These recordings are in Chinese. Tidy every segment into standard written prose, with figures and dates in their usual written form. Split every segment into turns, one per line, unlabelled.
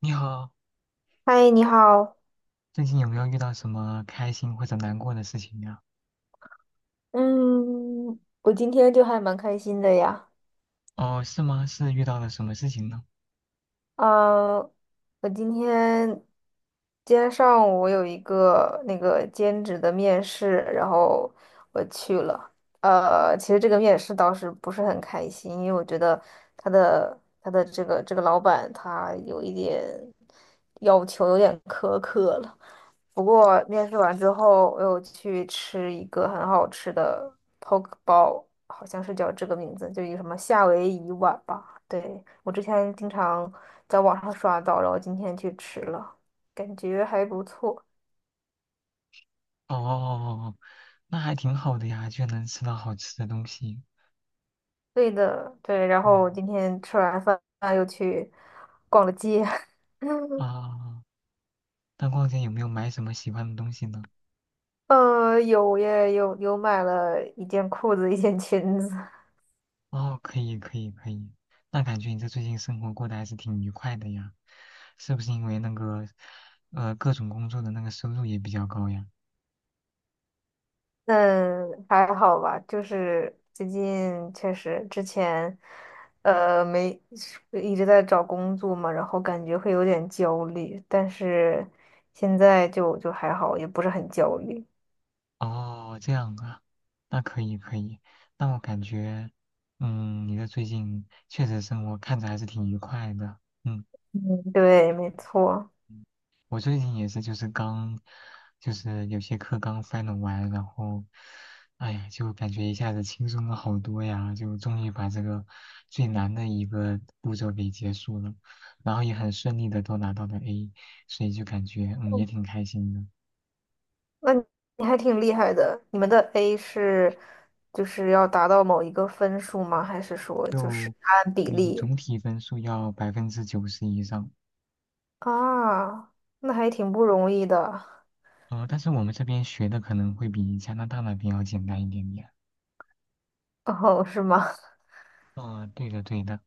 你好，
嗨，你好。
最近有没有遇到什么开心或者难过的事情呀？
嗯，我今天就还蛮开心的呀。
哦，是吗？是遇到了什么事情呢？
嗯，我今天今天上午我有一个那个兼职的面试，然后我去了。其实这个面试倒是不是很开心，因为我觉得他的这个老板他有一点要求有点苛刻了。不过面试完之后，我又去吃一个很好吃的 poke 包，好像是叫这个名字，就一个什么夏威夷碗吧。对，我之前经常在网上刷到，然后今天去吃了，感觉还不错。
哦哦哦哦，那还挺好的呀，就能吃到好吃的东西。
对的，对。然
嗯
后今天吃完饭又去逛了街。
啊，那逛街有没有买什么喜欢的东西呢？
有耶，有买了一件裤子，一件裙子。
哦，可以可以可以，那感觉你这最近生活过得还是挺愉快的呀，是不是因为那个各种工作的那个收入也比较高呀？
那还好吧，就是最近确实之前，没一直在找工作嘛，然后感觉会有点焦虑，但是现在就还好，也不是很焦虑。
哦，这样啊，那可以可以。那我感觉，嗯，你的最近确实生活看着还是挺愉快的。嗯，
嗯，对，没错。
嗯我最近也是，就是刚，有些课刚 final 完，然后，哎呀，就感觉一下子轻松了好多呀，就终于把这个最难的一个步骤给结束了，然后也很顺利的都拿到了 A，所以就感觉，嗯，也
嗯
挺开心的。
那你还挺厉害的，你们的 A 是就是要达到某一个分数吗？还是说就是
就
按比
你
例
总体分数要90%以上。
啊？那还挺不容易的。
呃，但是我们这边学的可能会比加拿大那边要简单一点点。
哦，是吗？
啊、对的对的。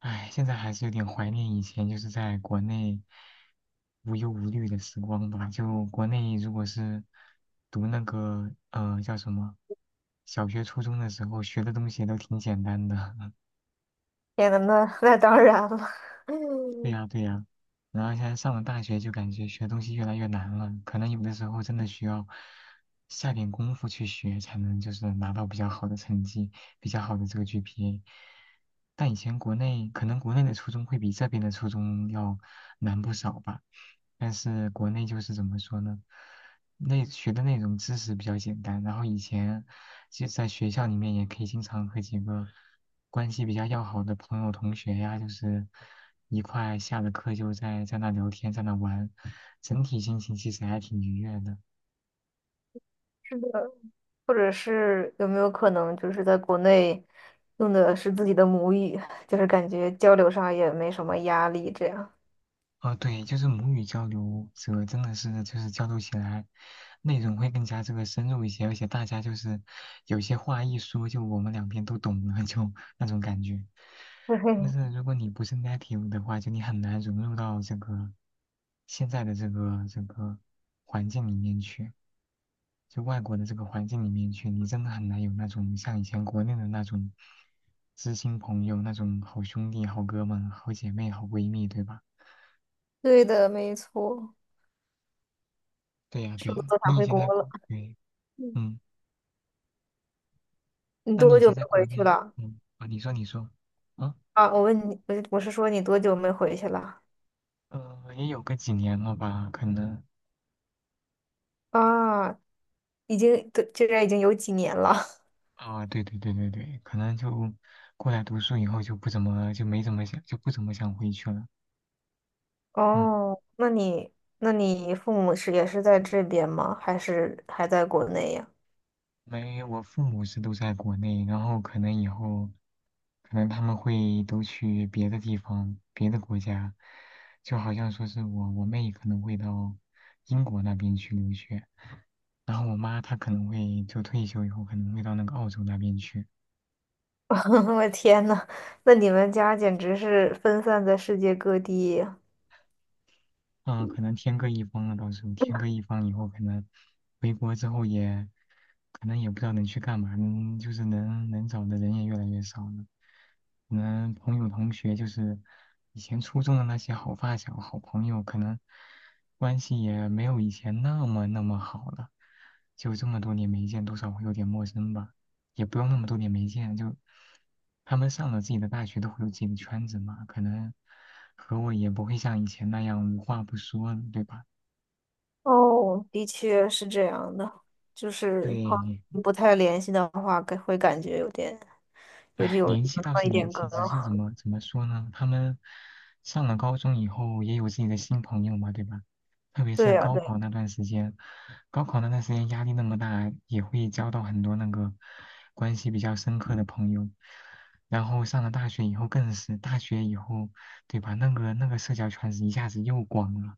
唉，现在还是有点怀念以前就是在国内无忧无虑的时光吧。就国内如果是读那个叫什么小学、初中的时候学的东西都挺简单的。
天呐，那当然了。
对
嗯
呀，对呀，然后现在上了大学就感觉学东西越来越难了，可能有的时候真的需要下点功夫去学，才能就是拿到比较好的成绩，比较好的这个 GPA。但以前国内可能国内的初中会比这边的初中要难不少吧，但是国内就是怎么说呢，内学的那种知识比较简单，然后以前。其实在学校里面也可以经常和几个关系比较要好的朋友、同学呀，就是一块下了课就在那聊天，在那玩，整体心情其实还挺愉悦的。
是的，或者是有没有可能就是在国内用的是自己的母语，就是感觉交流上也没什么压力，这样。
哦，对，就是母语交流者真的是就是交流起来，内容会更加这个深入一些，而且大家就是有些话一说，就我们两边都懂了，就那种感觉。但是
对，
如果你不是 native 的话，就你很难融入到这个现在的这个环境里面去，就外国的这个环境里面去，你真的很难有那种像以前国内的那种知心朋友、那种好兄弟、好哥们、好姐妹、好闺蜜，对吧？
对的，没错。
对呀，
是
对呀，
不是都想
你以
回
前在
国了？
国，对，
嗯
嗯，
你
那你
多
以
久
前
没
在国
回去
内，
了？
嗯，啊，你说，啊，
啊，我问你，我是说你多久没回去了？
呃，也有个几年了吧，可能，
啊，已经，对，这边已经有几年了。
啊，对对对对对，可能就过来读书以后就不怎么，就没怎么想，就不怎么想回去了，嗯。
哦，那你父母是也是在这边吗？还是还在国内呀？
没，我父母是都在国内，然后可能以后，可能他们会都去别的地方、别的国家，就好像说是我妹可能会到英国那边去留学，然后我妈她可能会就退休以后可能会到那个澳洲那边去，
我天呐，那你们家简直是分散在世界各地呀。
嗯，可能天各一方了，到时候天各一方以后，可能回国之后也，可能也不知道能去干嘛，能就是能能找的人也越来越少了。可能朋友同学就是以前初中的那些好发小、好朋友，可能关系也没有以前那么那么好了。就这么多年没见，多少会有点陌生吧。也不用那么多年没见，就他们上了自己的大学，都会有自己的圈子嘛，可能和我也不会像以前那样无话不说了，对吧？
哦，的确是这样的，就是朋
对，
友不太联系的话，感会感觉有点
唉，
有文
联系倒
化
是
一
联
点隔
系，只是
阂。
怎么说呢？他们上了高中以后也有自己的新朋友嘛，对吧？特别
对
是
呀，
高
对。
考那段时间，高考那段时间压力那么大，也会交到很多那个关系比较深刻的朋友。然后上了大学以后更是，大学以后，对吧？那个社交圈子一下子又广了，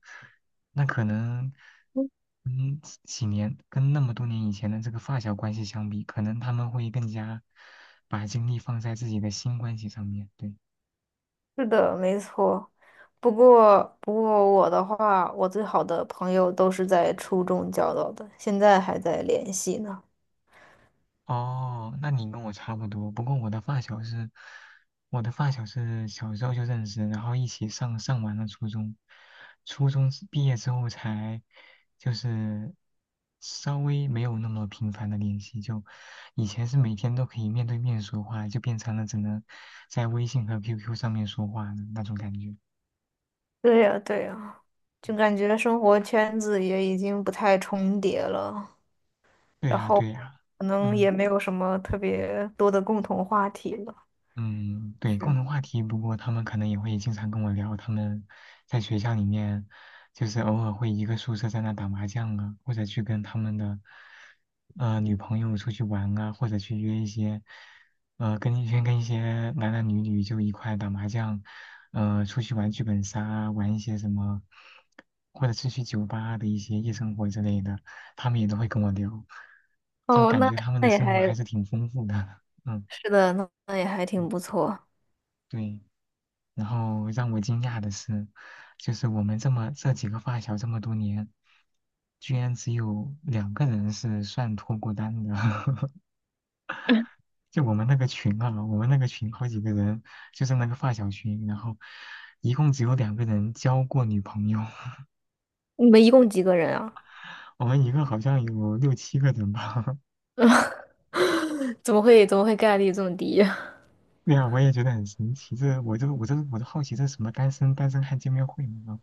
那可能，
嗯
嗯，几年跟那么多年以前的这个发小关系相比，可能他们会更加把精力放在自己的新关系上面。对。
是的，没错。不过我的话，我最好的朋友都是在初中交到的，现在还在联系呢。
哦，那你跟我差不多，不过我的发小是小时候就认识，然后一起上完了初中，初中之毕业之后才就是稍微没有那么频繁的联系，就以前是每天都可以面对面说话，就变成了只能在微信和 QQ 上面说话的那种感觉。
对呀，对呀，就感觉生活圈子也已经不太重叠了。
对
然
呀，
后
对呀，
可能
嗯。
也没有什么特别多的共同话题了。
嗯，对，共
是。
同话题，不过他们可能也会经常跟我聊，他们在学校里面，就是偶尔会一个宿舍在那打麻将啊，或者去跟他们的女朋友出去玩啊，或者去约一些跟一些跟一些男男女女就一块打麻将，呃，出去玩剧本杀啊，玩一些什么，或者是去酒吧的一些夜生活之类的，他们也都会跟我聊，就
哦，
感
那
觉他们
那
的
也
生活还
还
是挺丰富的，嗯，
是的，那也还挺不错。
对。然后让我惊讶的是，就是我们这几个发小这么多年，居然只有两个人是算脱过单的。就我们那个群啊，我们那个群好几个人，就是那个发小群，然后一共只有两个人交过女朋友，
你们一共几个人啊？
我们一个好像有六七个人吧。
怎么会概率这么低呀？
对呀，我也觉得很神奇。这我都好奇，这是什么单身汉见面会呢？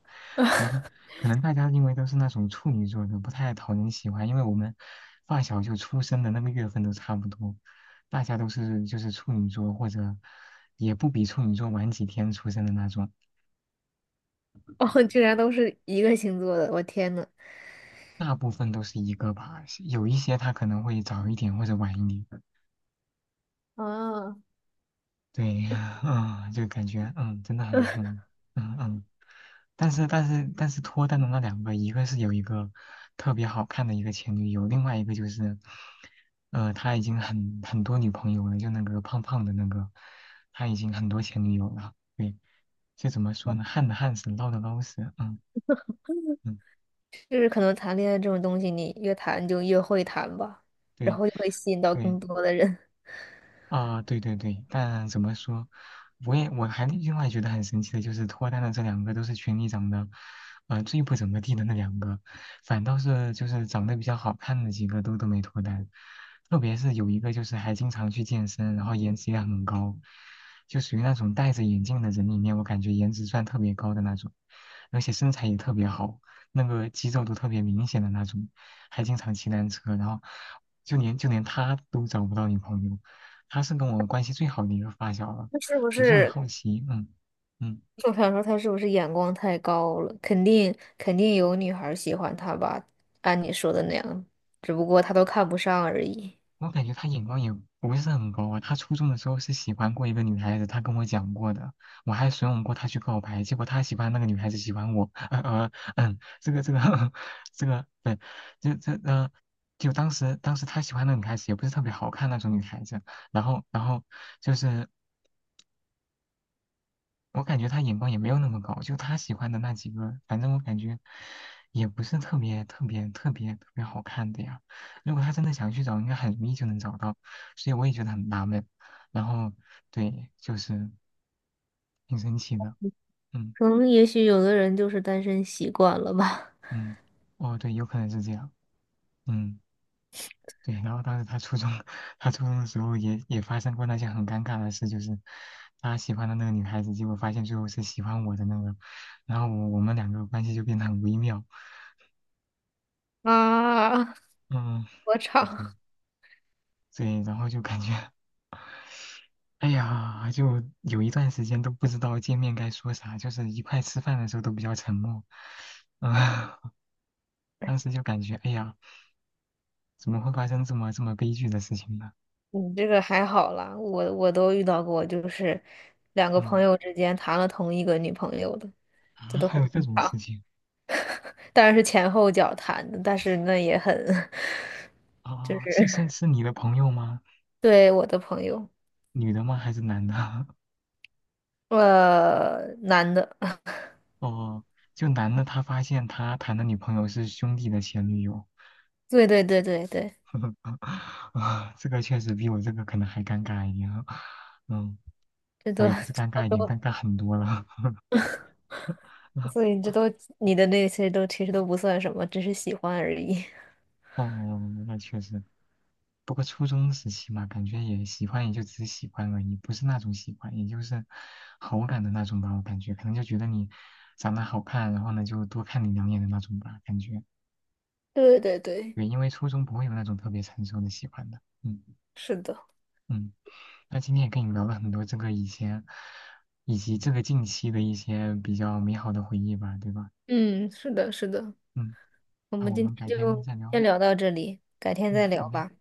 然后可能大家因为都是那种处女座的，不太讨人喜欢，因为我们发小就出生的那个月份都差不多，大家都是就是处女座或者也不比处女座晚几天出生的那种，
哦，居然都是一个星座的，我天呐！
大部分都是一个吧，有一些他可能会早一点或者晚一点。
啊。
对，嗯，就感觉嗯，真的很 很嗯嗯。但是脱单的那两个，一个是有一个特别好看的一个前女友，另外一个就是，呃，他已经很多女朋友了，就那个胖胖的那个，他已经很多前女友了。对，就怎么说呢，旱的旱死，涝的涝死。嗯嗯，
就是可能谈恋爱这种东西，你越谈就越会谈吧，然
对
后就会吸引到
对。
更多的人。
啊，对对对，但怎么说，我也我还另外觉得很神奇的就是，脱单的这两个都是群里长得，呃，最不怎么地的那两个，反倒是就是长得比较好看的几个都都没脱单，特别是有一个就是还经常去健身，然后颜值也很高，就属于那种戴着眼镜的人里面，我感觉颜值算特别高的那种，而且身材也特别好，那个肌肉都特别明显的那种，还经常骑单车，然后就连他都找不到女朋友。她是跟我关系最好的一个发小了，
那是不
我就很
是
好奇，嗯嗯，
我想说他是不是眼光太高了？肯定有女孩儿喜欢他吧，按你说的那样，只不过他都看不上而已。
我感觉她眼光也不是很高啊。她初中的时候是喜欢过一个女孩子，她跟我讲过的，我还怂恿过她去告白，结果她喜欢那个女孩子喜欢我，这个 这个，对，这这呃。就当时，她喜欢那个女孩子也不是特别好看那种女孩子，然后，就是我感觉他眼光也没有那么高，就他喜欢的那几个，反正我感觉也不是特别特别特别特别好看的呀。如果他真的想去找，应该很容易就能找到，所以我也觉得很纳闷。然后对，就是挺生气的，嗯
可能也许有的人就是单身习惯了吧。
嗯，哦对，有可能是这样，嗯对。然后当时他初中，他初中的时候也发生过那些很尴尬的事，就是他喜欢的那个女孩子，结果发现最后是喜欢我的那个，然后我们两个关系就变得很微妙，
啊，
嗯。
我操！
对，对，然后就感觉，哎呀，就有一段时间都不知道见面该说啥，就是一块吃饭的时候都比较沉默，啊、当时就感觉，哎呀，怎么会发生这么这么悲剧的事情呢？
你这个还好啦，我都遇到过，就是两个朋
嗯，
友之间谈了同一个女朋友的，
啊，
这都
还
很
有这
正
种事
常。
情
当然是前后脚谈的，但是那也很。就
哦，是
是
是是你的朋友吗？
对我的朋友，
女的吗？还是男的？
男的。
哦，就男的他发现他谈的女朋友是兄弟的前女友，
对对对对对，
啊，这个确实比我这个可能还尴尬一点，嗯。
这
哦，
都。
也不是 尴
这
尬一点，
都，
尴尬很多了。
所 以这都你的那些都其实都不算什么，只是喜欢而已。
哦，那确实。不过初中时期嘛，感觉也喜欢，也就只是喜欢而已，不是那种喜欢，也就是好感的那种吧。我感觉可能就觉得你长得好看，然后呢就多看你两眼的那种吧，感觉。
对对对，
对，因为初中不会有那种特别成熟的喜欢的。嗯
是的。
嗯，那今天也跟你聊了很多这个以前，以及这个近期的一些比较美好的回忆吧，对吧？
嗯，是的，是的。
嗯，
我
那
们
我
今
们改
天
天
就
再
先
聊。
聊到这里，改天
嗯，
再
好
聊
嘞。
吧，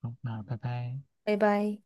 好，那拜拜。
拜拜。